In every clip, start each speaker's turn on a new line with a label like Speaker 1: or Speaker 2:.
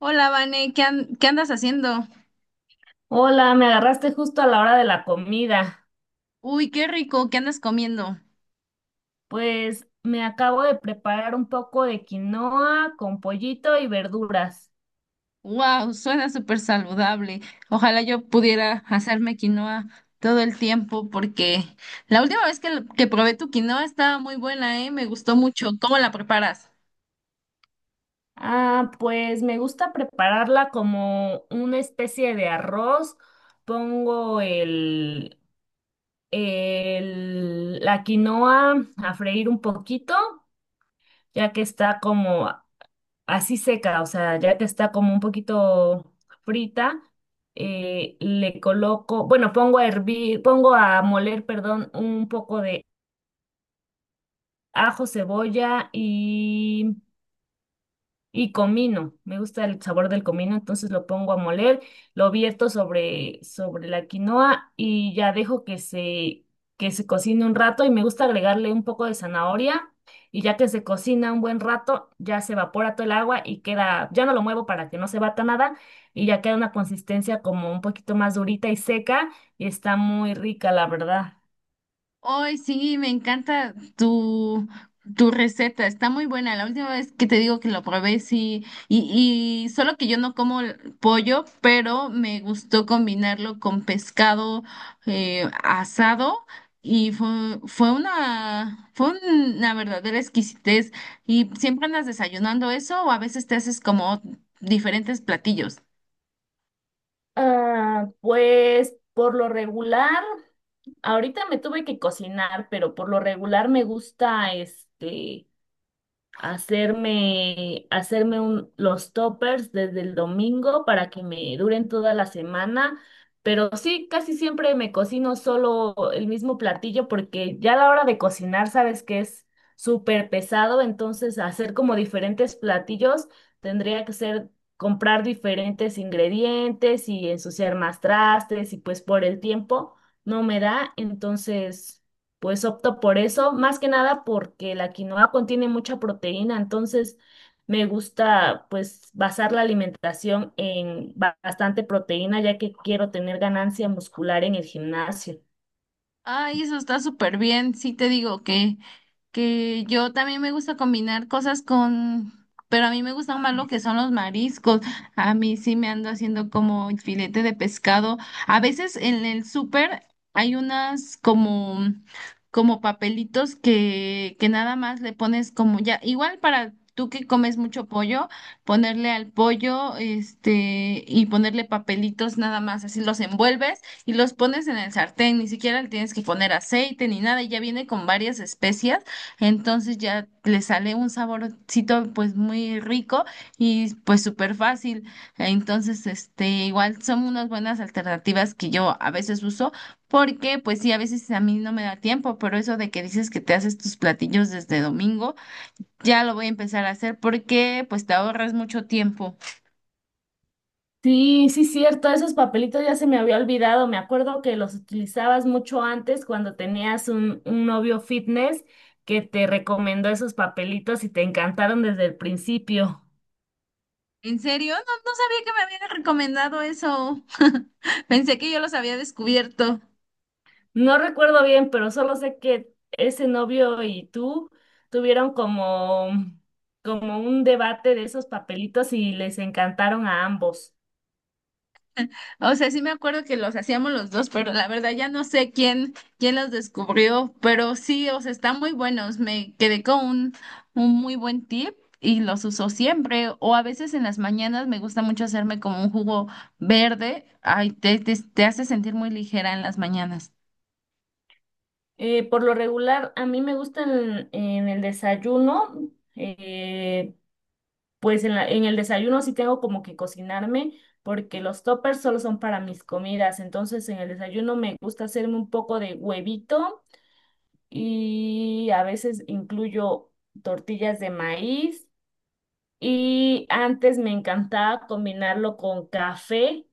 Speaker 1: Hola, Vane, ¿ qué andas haciendo?
Speaker 2: Hola, me agarraste justo a la hora de la comida.
Speaker 1: Uy, qué rico, ¿qué andas comiendo?
Speaker 2: Pues me acabo de preparar un poco de quinoa con pollito y verduras.
Speaker 1: Wow, suena súper saludable. Ojalá yo pudiera hacerme quinoa todo el tiempo porque la última vez que probé tu quinoa estaba muy buena, ¿eh? Me gustó mucho. ¿Cómo la preparas?
Speaker 2: Ah, pues me gusta prepararla como una especie de arroz. Pongo la quinoa a freír un poquito, ya que está como así seca, o sea, ya que está como un poquito frita, le coloco, bueno, pongo a hervir, pongo a moler, perdón, un poco de ajo, cebolla y comino, me gusta el sabor del comino, entonces lo pongo a moler, lo vierto sobre la quinoa y ya dejo que se cocine un rato y me gusta agregarle un poco de zanahoria y ya que se cocina un buen rato, ya se evapora todo el agua y queda, ya no lo muevo para que no se bata nada y ya queda una consistencia como un poquito más durita y seca y está muy rica, la verdad.
Speaker 1: Hoy sí, me encanta tu receta, está muy buena. La última vez que te digo que lo probé, sí, y solo que yo no como el pollo, pero me gustó combinarlo con pescado, asado y fue una verdadera exquisitez. ¿Y siempre andas desayunando eso o a veces te haces como diferentes platillos?
Speaker 2: Ah, pues por lo regular, ahorita me tuve que cocinar, pero por lo regular me gusta este los toppers desde el domingo para que me duren toda la semana. Pero sí, casi siempre me cocino solo el mismo platillo porque ya a la hora de cocinar sabes que es súper pesado, entonces hacer como diferentes platillos tendría que ser comprar diferentes ingredientes y ensuciar más trastes y pues por el tiempo no me da, entonces pues opto por eso, más que nada porque la quinoa contiene mucha proteína, entonces me gusta pues basar la alimentación en bastante proteína, ya que quiero tener ganancia muscular en el gimnasio.
Speaker 1: Ay, eso está súper bien. Sí te digo que yo también me gusta combinar cosas con, pero a mí me gustan más lo que son los mariscos. A mí sí me ando haciendo como filete de pescado. A veces en el súper hay como papelitos que nada más le pones como ya, igual para tú que comes mucho pollo, ponerle al pollo, este, y ponerle papelitos nada más, así los envuelves y los pones en el sartén, ni siquiera le tienes que poner aceite ni nada, y ya viene con varias especias, entonces ya le sale un saborcito pues muy rico y pues súper fácil. Entonces, este, igual son unas buenas alternativas que yo a veces uso, porque pues sí, a veces a mí no me da tiempo, pero eso de que dices que te haces tus platillos desde domingo, ya lo voy a empezar a hacer porque pues te ahorras mucho tiempo.
Speaker 2: Sí, sí, cierto, esos papelitos ya se me había olvidado. Me acuerdo que los utilizabas mucho antes cuando tenías un novio fitness que te recomendó esos papelitos y te encantaron desde el principio.
Speaker 1: ¿En serio? No, no sabía que me habían recomendado eso. Pensé que yo los había descubierto.
Speaker 2: No recuerdo bien, pero solo sé que ese novio y tú tuvieron como un debate de esos papelitos y les encantaron a ambos.
Speaker 1: O sea, sí me acuerdo que los hacíamos los dos, pero la verdad ya no sé quién los descubrió. Pero sí, o sea, están muy buenos. Me quedé con un muy buen tip y los uso siempre. O a veces en las mañanas me gusta mucho hacerme como un jugo verde. Ay, te hace sentir muy ligera en las mañanas.
Speaker 2: Por lo regular, a mí me gustan en el desayuno, pues en en el desayuno sí tengo como que cocinarme porque los toppers solo son para mis comidas, entonces en el desayuno me gusta hacerme un poco de huevito y a veces incluyo tortillas de maíz. Y antes me encantaba combinarlo con café,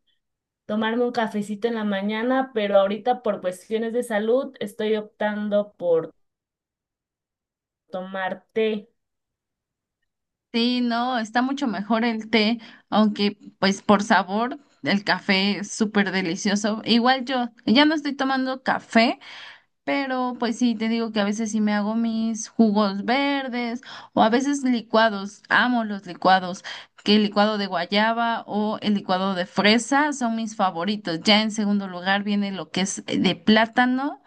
Speaker 2: tomarme un cafecito en la mañana, pero ahorita por cuestiones de salud estoy optando por tomar té.
Speaker 1: Sí, no, está mucho mejor el té, aunque pues por sabor el café es súper delicioso. Igual yo ya no estoy tomando café, pero pues sí, te digo que a veces sí me hago mis jugos verdes o a veces licuados. Amo los licuados, que el licuado de guayaba o el licuado de fresa son mis favoritos. Ya en segundo lugar viene lo que es de plátano.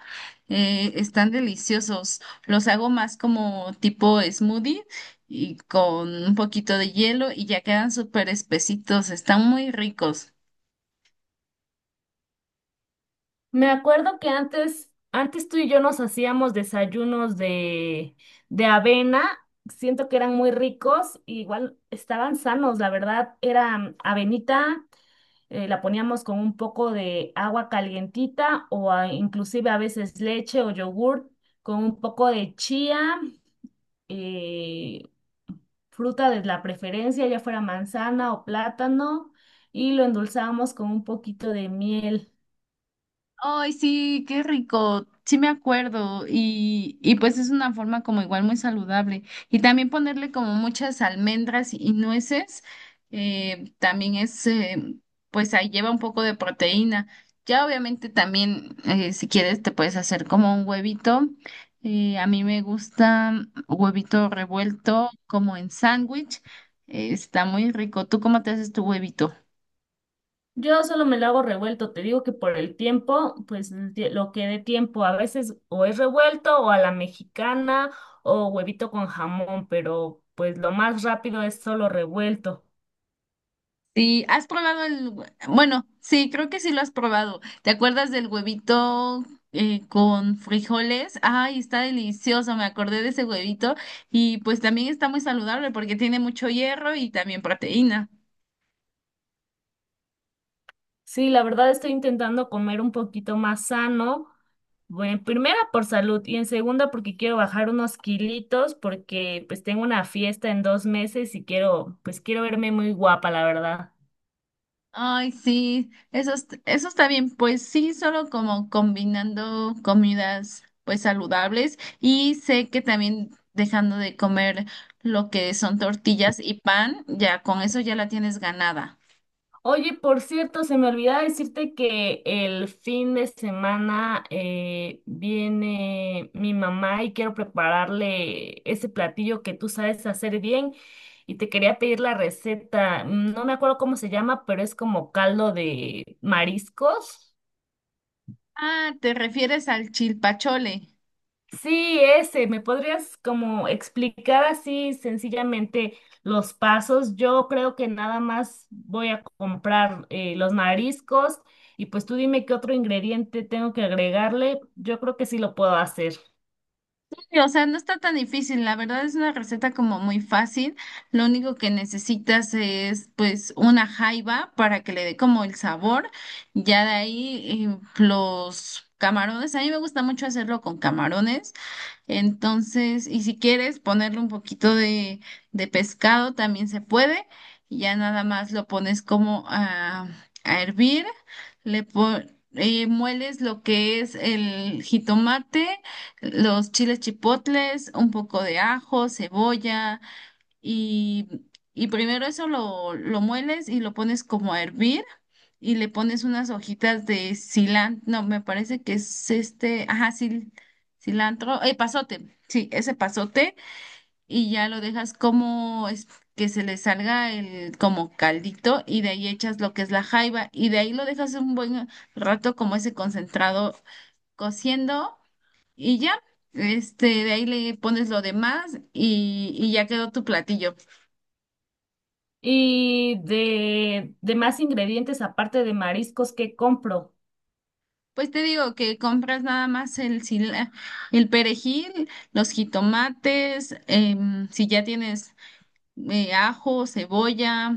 Speaker 1: Están deliciosos. Los hago más como tipo smoothie y con un poquito de hielo y ya quedan súper espesitos. Están muy ricos.
Speaker 2: Me acuerdo que antes tú y yo nos hacíamos desayunos de avena. Siento que eran muy ricos, y igual estaban sanos, la verdad. Era avenita, la poníamos con un poco de agua calientita o inclusive a veces leche o yogur con un poco de chía, eh, fruta de la preferencia, ya fuera manzana o plátano, y lo endulzábamos con un poquito de miel.
Speaker 1: Ay, sí, qué rico. Sí me acuerdo. Y pues es una forma como igual muy saludable. Y también ponerle como muchas almendras y nueces, eh, también es, eh, pues ahí lleva un poco de proteína. Ya obviamente también, si quieres, te puedes hacer como un huevito. A mí me gusta huevito revuelto como en sándwich. Está muy rico. ¿Tú cómo te haces tu huevito?
Speaker 2: Yo solo me lo hago revuelto, te digo que por el tiempo, pues el lo que dé tiempo, a veces o es revuelto o a la mexicana o huevito con jamón, pero pues lo más rápido es solo revuelto.
Speaker 1: Sí, has probado el, hue- bueno, sí, creo que sí lo has probado. ¿Te acuerdas del huevito con frijoles? Ay, está delicioso, me acordé de ese huevito y pues también está muy saludable porque tiene mucho hierro y también proteína.
Speaker 2: Sí, la verdad estoy intentando comer un poquito más sano, bueno, en primera por salud y en segunda porque quiero bajar unos kilitos porque pues tengo una fiesta en 2 meses y quiero, pues quiero verme muy guapa, la verdad.
Speaker 1: Ay, sí, eso está bien, pues sí, solo como combinando comidas pues saludables y sé que también dejando de comer lo que son tortillas y pan, ya con eso ya la tienes ganada.
Speaker 2: Oye, por cierto, se me olvidaba decirte que el fin de semana viene mi mamá y quiero prepararle ese platillo que tú sabes hacer bien y te quería pedir la receta. No me acuerdo cómo se llama, pero es como caldo de mariscos.
Speaker 1: Ah, te refieres al chilpachole.
Speaker 2: Sí, ese, ¿me podrías como explicar así sencillamente los pasos? Yo creo que nada más voy a comprar los mariscos y pues tú dime qué otro ingrediente tengo que agregarle. Yo creo que sí lo puedo hacer.
Speaker 1: Sí, o sea, no está tan difícil, la verdad es una receta como muy fácil. Lo único que necesitas es pues una jaiba para que le dé como el sabor. Ya de ahí los camarones, a mí me gusta mucho hacerlo con camarones. Entonces, y si quieres ponerle un poquito de pescado, también se puede. Y ya nada más lo pones como a hervir. Le po- Mueles lo que es el jitomate, los chiles chipotles, un poco de ajo, cebolla y, y primero eso lo mueles y lo pones como a hervir y le pones unas hojitas de cilantro, no, me parece que es este, ajá, cilantro, pasote, sí, ese pasote y ya lo dejas que se le salga el como caldito y de ahí echas lo que es la jaiba y de ahí lo dejas un buen rato como ese concentrado cociendo y ya, este, de ahí le pones lo demás y ya quedó tu platillo.
Speaker 2: Y de más ingredientes aparte de mariscos, ¿qué compro?
Speaker 1: Pues te digo que compras nada más el perejil, los jitomates, em, si ya tienes ajo, cebolla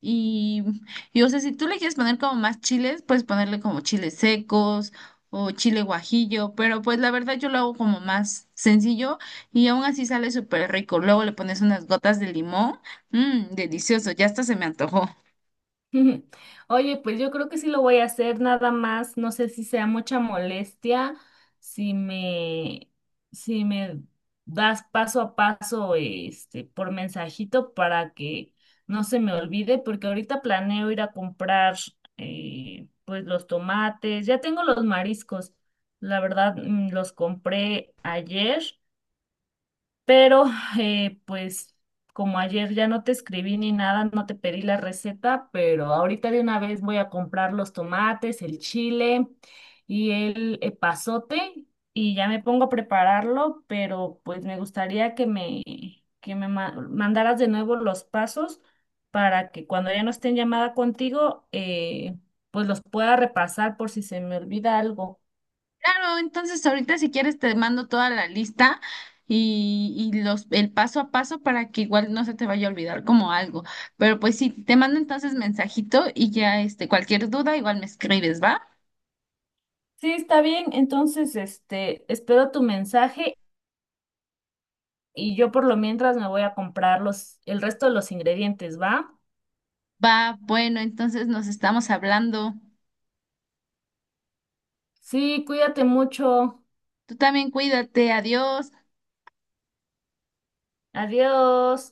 Speaker 1: y, o sea, si tú le quieres poner como más chiles, puedes ponerle como chiles secos o chile guajillo, pero pues la verdad yo lo hago como más sencillo y aún así sale súper rico. Luego le pones unas gotas de limón, mmm, delicioso, ya hasta se me antojó.
Speaker 2: Oye, pues yo creo que sí lo voy a hacer, nada más, no sé si sea mucha molestia, si me, si me das paso a paso, este, por mensajito para que no se me olvide, porque ahorita planeo ir a comprar, pues los tomates, ya tengo los mariscos, la verdad, los compré ayer, pero pues como ayer ya no te escribí ni nada, no te pedí la receta, pero ahorita de una vez voy a comprar los tomates, el chile y el epazote y ya me pongo a prepararlo, pero pues me gustaría que me mandaras de nuevo los pasos para que cuando ya no esté en llamada contigo, pues los pueda repasar por si se me olvida algo.
Speaker 1: Claro, entonces ahorita si quieres te mando toda la lista y los el paso a paso para que igual no se te vaya a olvidar como algo. Pero pues sí, te mando entonces mensajito y ya este cualquier duda igual me escribes, ¿va?
Speaker 2: Sí, está bien. Entonces, este, espero tu mensaje y yo por lo mientras me voy a comprar los, el resto de los ingredientes, ¿va?
Speaker 1: Va, bueno, entonces nos estamos hablando.
Speaker 2: Sí, cuídate mucho.
Speaker 1: Tú también cuídate, adiós.
Speaker 2: Adiós.